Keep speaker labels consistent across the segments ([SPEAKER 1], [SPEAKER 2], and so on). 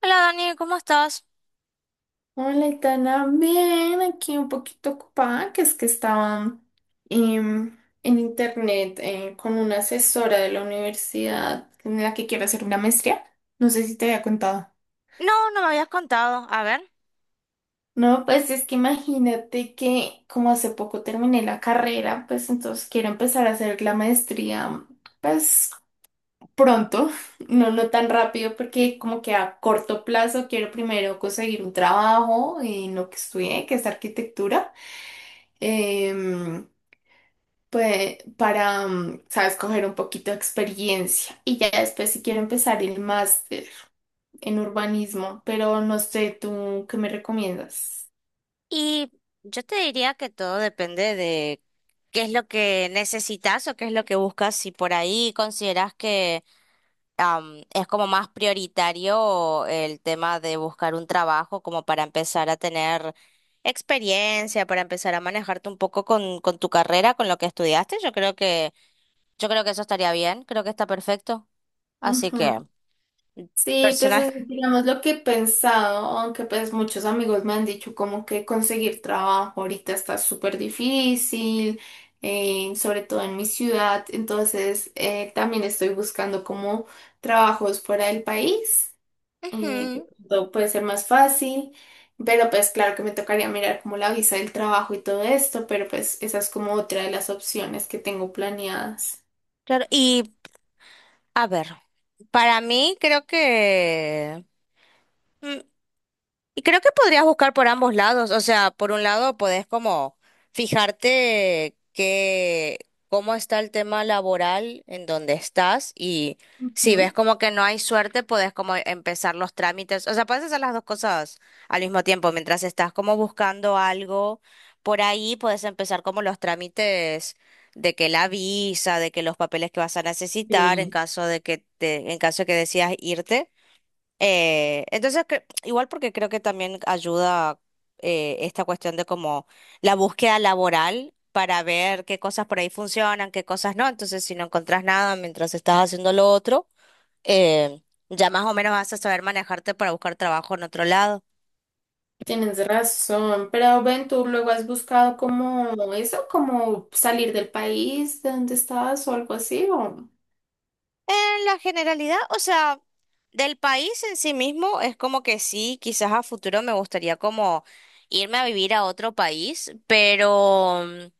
[SPEAKER 1] Hola Dani, ¿cómo estás?
[SPEAKER 2] Hola, Itana. Bien, aquí un poquito ocupada, que es que estaba en internet, con una asesora de la universidad en la que quiero hacer una maestría. No sé si te había contado.
[SPEAKER 1] No, no me habías contado. A ver,
[SPEAKER 2] No, pues es que imagínate que como hace poco terminé la carrera, pues entonces quiero empezar a hacer la maestría, pues pronto. No, no tan rápido, porque como que a corto plazo quiero primero conseguir un trabajo en lo que estudié, que es arquitectura. em, pues, para, sabes, coger un poquito de experiencia. Y ya después si quiero empezar el máster en urbanismo, pero no sé, ¿tú qué me recomiendas?
[SPEAKER 1] y yo te diría que todo depende de qué es lo que necesitas o qué es lo que buscas. Si por ahí consideras que es como más prioritario el tema de buscar un trabajo como para empezar a tener experiencia, para empezar a manejarte un poco con tu carrera, con lo que estudiaste, yo creo que eso estaría bien, creo que está perfecto. Así
[SPEAKER 2] Ujú.
[SPEAKER 1] que,
[SPEAKER 2] Sí, pues
[SPEAKER 1] personal.
[SPEAKER 2] es, digamos lo que he pensado, aunque pues muchos amigos me han dicho como que conseguir trabajo ahorita está súper difícil, sobre todo en mi ciudad, entonces también estoy buscando como trabajos fuera del país. eh,
[SPEAKER 1] Ujú,
[SPEAKER 2] Todo puede ser más fácil, pero pues claro que me tocaría mirar como la visa del trabajo y todo esto, pero pues esa es como otra de las opciones que tengo planeadas.
[SPEAKER 1] claro, y a ver, para mí creo que mm, y creo que podrías buscar por ambos lados, o sea, por un lado podés como fijarte que cómo está el tema laboral en donde estás y si ves
[SPEAKER 2] Ujú.
[SPEAKER 1] como que no hay suerte, podés como empezar los trámites, o sea, puedes hacer las dos cosas al mismo tiempo, mientras estás como buscando algo por ahí, puedes empezar como los trámites de que la visa, de que los papeles que vas a necesitar en
[SPEAKER 2] Sí.
[SPEAKER 1] caso de que te, en caso de que decidas irte. Entonces, igual porque creo que también ayuda esta cuestión de como la búsqueda laboral para ver qué cosas por ahí funcionan, qué cosas no. Entonces, si no encontrás nada mientras estás haciendo lo otro, eh, ya más o menos vas a saber manejarte para buscar trabajo en otro lado.
[SPEAKER 2] Tienes razón, pero ven, tú luego has buscado como eso, como salir del país de donde estabas o algo así, o...
[SPEAKER 1] En la generalidad, o sea, del país en sí mismo es como que sí, quizás a futuro me gustaría como irme a vivir a otro país, pero... mm,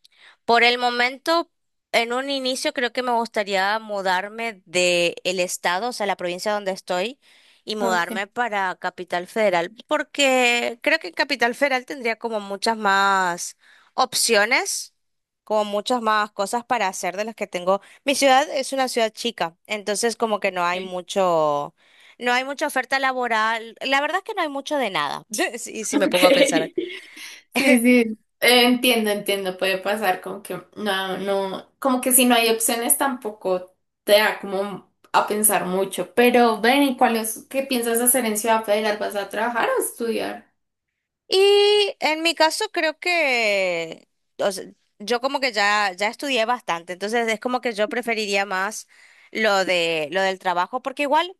[SPEAKER 1] Por el momento, en un inicio creo que me gustaría mudarme de el estado, o sea, la provincia donde estoy, y
[SPEAKER 2] Ok.
[SPEAKER 1] mudarme para Capital Federal, porque creo que en Capital Federal tendría como muchas más opciones, como muchas más cosas para hacer de las que tengo. Mi ciudad es una ciudad chica, entonces como que no hay mucho, no hay mucha oferta laboral. La verdad es que no hay mucho de nada, si me
[SPEAKER 2] Ok.
[SPEAKER 1] pongo a pensar.
[SPEAKER 2] Sí, sí. Entiendo, entiendo, puede pasar como que no, no, como que si no hay opciones tampoco te da como a pensar mucho. Pero ven, ¿y cuál es, qué piensas hacer en Ciudad Federal? ¿Vas a trabajar o estudiar?
[SPEAKER 1] Y en mi caso creo que, o sea, yo como que ya estudié bastante, entonces es como que yo preferiría más lo de, lo del trabajo, porque igual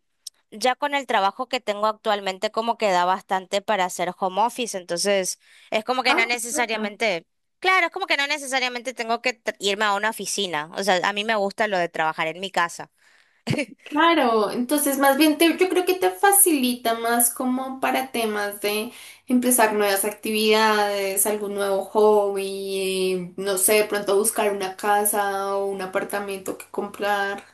[SPEAKER 1] ya con el trabajo que tengo actualmente como que da bastante para hacer home office, entonces es como que no
[SPEAKER 2] Ah, perfecto.
[SPEAKER 1] necesariamente, claro, es como que no necesariamente tengo que irme a una oficina, o sea, a mí me gusta lo de trabajar en mi casa.
[SPEAKER 2] Claro, entonces más bien yo creo que te facilita más como para temas de empezar nuevas actividades, algún nuevo hobby, no sé, de pronto buscar una casa o un apartamento que comprar.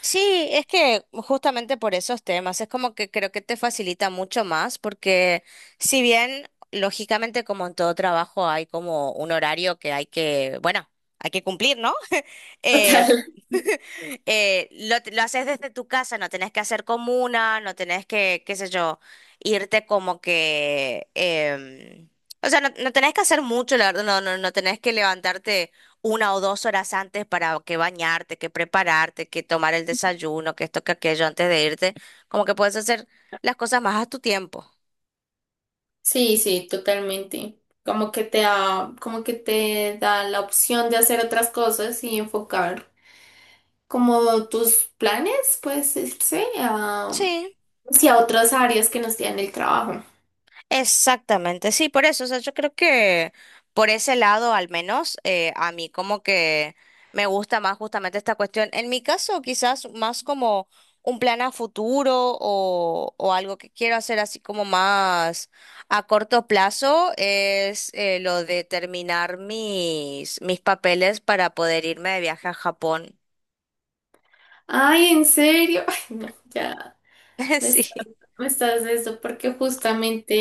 [SPEAKER 1] Sí, es que justamente por esos temas, es como que creo que te facilita mucho más, porque si bien, lógicamente, como en todo trabajo, hay como un horario que hay que, bueno, hay que cumplir, ¿no? Eh,
[SPEAKER 2] Total.
[SPEAKER 1] lo haces desde tu casa, no tenés que hacer comuna, no tenés que, qué sé yo, irte como que, o sea, no, no tenés que hacer mucho, la verdad, no, no, no tenés que levantarte 1 o 2 horas antes para que bañarte, que prepararte, que tomar el desayuno, que esto, que aquello antes de irte. Como que puedes hacer las cosas más a tu tiempo.
[SPEAKER 2] Sí, sí, totalmente. Como que te da, como que te da la opción de hacer otras cosas y enfocar como tus planes, pues, este, a,
[SPEAKER 1] Sí.
[SPEAKER 2] hacia otras áreas que no sean el trabajo.
[SPEAKER 1] Exactamente, sí, por eso, o sea, yo creo que por ese lado al menos a mí como que me gusta más justamente esta cuestión. En mi caso quizás más como un plan a futuro o algo que quiero hacer así como más a corto plazo es lo de terminar mis papeles para poder irme de viaje a Japón.
[SPEAKER 2] Ay, ¿en serio? Ay, no, ya me estás,
[SPEAKER 1] Sí.
[SPEAKER 2] me estás de eso porque justamente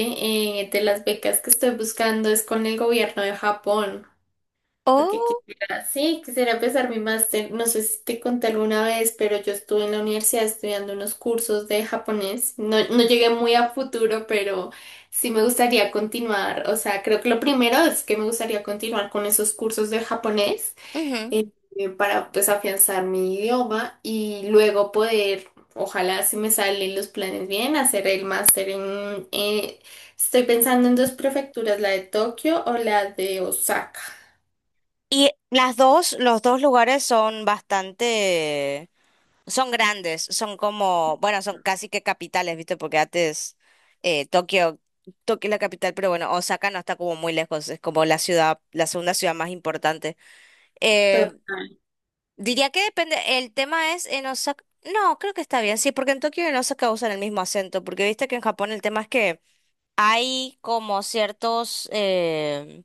[SPEAKER 2] de las becas que estoy buscando es con el gobierno de Japón. Porque
[SPEAKER 1] Oh,
[SPEAKER 2] quisiera, sí, quisiera empezar mi máster. No sé si te conté alguna vez, pero yo estuve en la universidad estudiando unos cursos de japonés. No, no llegué muy a futuro, pero sí me gustaría continuar. O sea, creo que lo primero es que me gustaría continuar con esos cursos de japonés,
[SPEAKER 1] ujú.
[SPEAKER 2] eh, para pues afianzar mi idioma y luego poder, ojalá si me salen los planes bien, hacer el máster en... Estoy pensando en dos prefecturas, la de Tokio o la de Osaka.
[SPEAKER 1] Y las dos, los dos lugares son bastante. Son grandes, son como, bueno, son casi que capitales, ¿viste? Porque antes eh, Tokio, Tokio es la capital, pero bueno, Osaka no está como muy lejos, es como la ciudad, la segunda ciudad más importante. Eh, Diría que depende, el tema es en Osaka, no, creo que está bien, sí, porque en Tokio y en Osaka usan el mismo acento, porque viste que en Japón el tema es que hay como ciertos,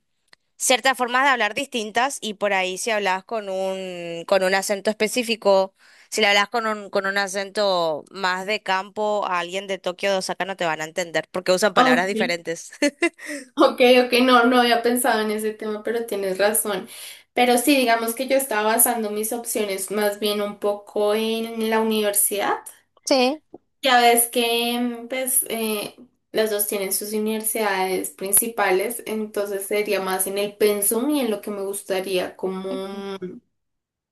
[SPEAKER 1] ciertas formas de hablar distintas y por ahí si hablas con un, con un, acento específico, si le hablas con un acento más de campo a alguien de Tokio de Osaka no te van a entender porque usan palabras
[SPEAKER 2] Ok,
[SPEAKER 1] diferentes.
[SPEAKER 2] ok, ok, no, no había pensado en ese tema, pero tienes razón. Pero sí, digamos que yo estaba basando mis opciones más bien un poco en la universidad.
[SPEAKER 1] Sí,
[SPEAKER 2] Ya ves que, pues, las dos tienen sus universidades principales, entonces sería más en el pensum y en lo que me gustaría
[SPEAKER 1] ujú,
[SPEAKER 2] como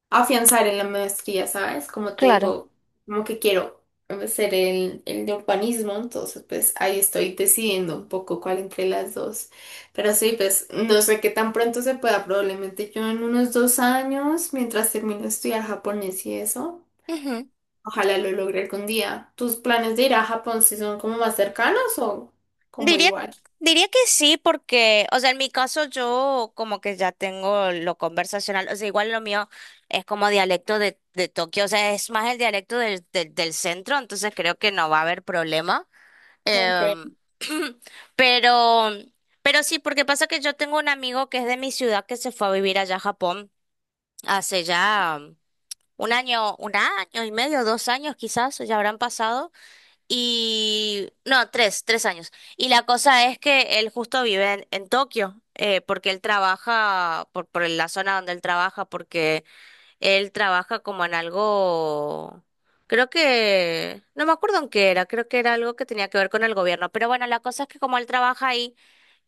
[SPEAKER 2] afianzar en la maestría, ¿sabes? Como te
[SPEAKER 1] claro.
[SPEAKER 2] digo, como que quiero hacer el de urbanismo, entonces pues ahí estoy decidiendo un poco cuál entre las dos. Pero sí, pues no sé qué tan pronto se pueda, probablemente yo en unos 2 años, mientras termino de estudiar japonés y eso,
[SPEAKER 1] Ujú.
[SPEAKER 2] ojalá lo logre algún día. ¿Tus planes de ir a Japón si son como más cercanos o como
[SPEAKER 1] Diría,
[SPEAKER 2] igual?
[SPEAKER 1] diría que sí, porque, o sea, en mi caso yo como que ya tengo lo conversacional, o sea, igual lo mío es como dialecto de Tokio, o sea, es más el dialecto del centro, entonces creo que no va a haber problema.
[SPEAKER 2] Ok.
[SPEAKER 1] Em, pero, pero sí, porque pasa que yo tengo un amigo que es de mi ciudad que se fue a vivir allá a Japón hace ya un año y medio, 2 años quizás, ya habrán pasado, y no, tres años. Y la cosa es que él justo vive en Tokio, porque él trabaja por la zona donde él trabaja como en algo, creo que, no me acuerdo en qué era, creo que era algo que tenía que ver con el gobierno, pero bueno, la cosa es que como él trabaja ahí,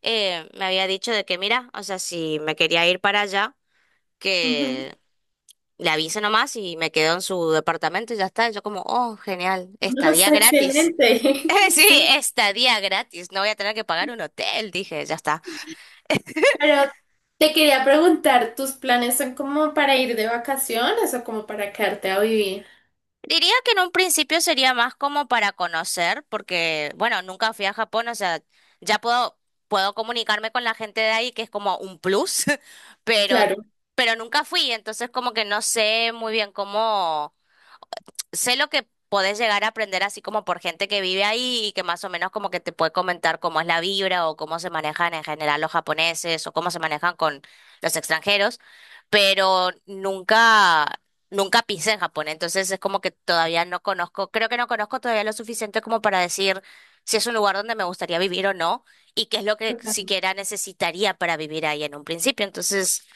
[SPEAKER 1] me había dicho de que, mira, o sea, si me quería ir para allá,
[SPEAKER 2] Ujú.
[SPEAKER 1] que le avise nomás y me quedo en su departamento y ya está. Y yo como, oh, genial,
[SPEAKER 2] No,
[SPEAKER 1] estadía
[SPEAKER 2] está
[SPEAKER 1] gratis.
[SPEAKER 2] excelente.
[SPEAKER 1] Sí,
[SPEAKER 2] Sí.
[SPEAKER 1] estadía gratis, no voy a tener que pagar un hotel, dije, ya está.
[SPEAKER 2] Pero te quería preguntar, ¿tus planes son como para ir de vacaciones o como para quedarte a vivir?
[SPEAKER 1] Diría que en un principio sería más como para conocer, porque, bueno, nunca fui a Japón, o sea, ya puedo, comunicarme con la gente de ahí, que es como un plus, pero,
[SPEAKER 2] Claro.
[SPEAKER 1] pero nunca fui, entonces como que no sé muy bien cómo sé lo que podés llegar a aprender así como por gente que vive ahí y que más o menos como que te puede comentar cómo es la vibra o cómo se manejan en general los japoneses o cómo se manejan con los extranjeros, pero nunca, nunca pisé en Japón, entonces es como que todavía no conozco, creo que no conozco todavía lo suficiente como para decir si es un lugar donde me gustaría vivir o no y qué es lo que siquiera necesitaría para vivir ahí en un principio, entonces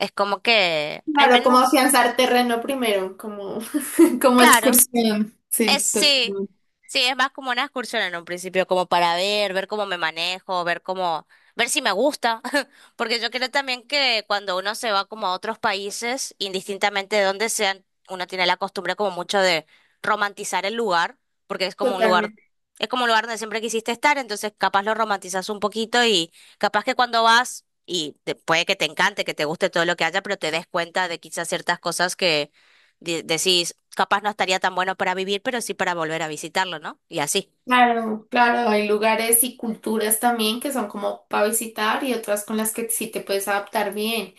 [SPEAKER 1] es como que al
[SPEAKER 2] Claro, como
[SPEAKER 1] menos,
[SPEAKER 2] afianzar terreno primero, como, como
[SPEAKER 1] claro.
[SPEAKER 2] excursión.
[SPEAKER 1] Es,
[SPEAKER 2] Sí,
[SPEAKER 1] sí,
[SPEAKER 2] totalmente.
[SPEAKER 1] sí, es más como una excursión en un principio, como para ver, cómo me manejo, ver cómo, ver si me gusta, porque yo creo también que cuando uno se va como a otros países, indistintamente de dónde sean, uno tiene la costumbre como mucho de romantizar el lugar, porque es como un lugar,
[SPEAKER 2] Totalmente.
[SPEAKER 1] es como un lugar donde siempre quisiste estar, entonces capaz lo romantizas un poquito y capaz que cuando vas, y puede que te encante, que te guste todo lo que haya, pero te des cuenta de quizás ciertas cosas decís, capaz no estaría tan bueno para vivir, pero sí para volver a visitarlo, ¿no? Y así.
[SPEAKER 2] Claro, claro, hay lugares y culturas también que son como para visitar y otras con las que sí te puedes adaptar bien.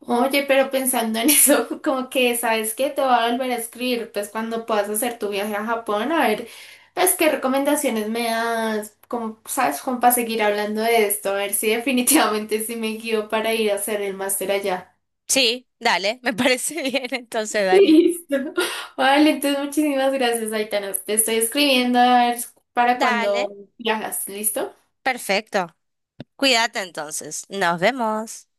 [SPEAKER 2] Oye, pero pensando en eso, como que, ¿sabes qué? Te voy a volver a escribir, pues cuando puedas hacer tu viaje a Japón, a ver, pues qué recomendaciones me das, como, ¿sabes? Como para seguir hablando de esto, a ver si definitivamente sí me guío para ir a hacer el máster allá.
[SPEAKER 1] Sí, dale, me parece bien entonces, Dani.
[SPEAKER 2] Listo. Vale, entonces muchísimas gracias, Aitana. Te estoy escribiendo a ver para
[SPEAKER 1] Dale,
[SPEAKER 2] cuando viajas, ¿listo?
[SPEAKER 1] perfecto. Cuídate entonces. Nos vemos.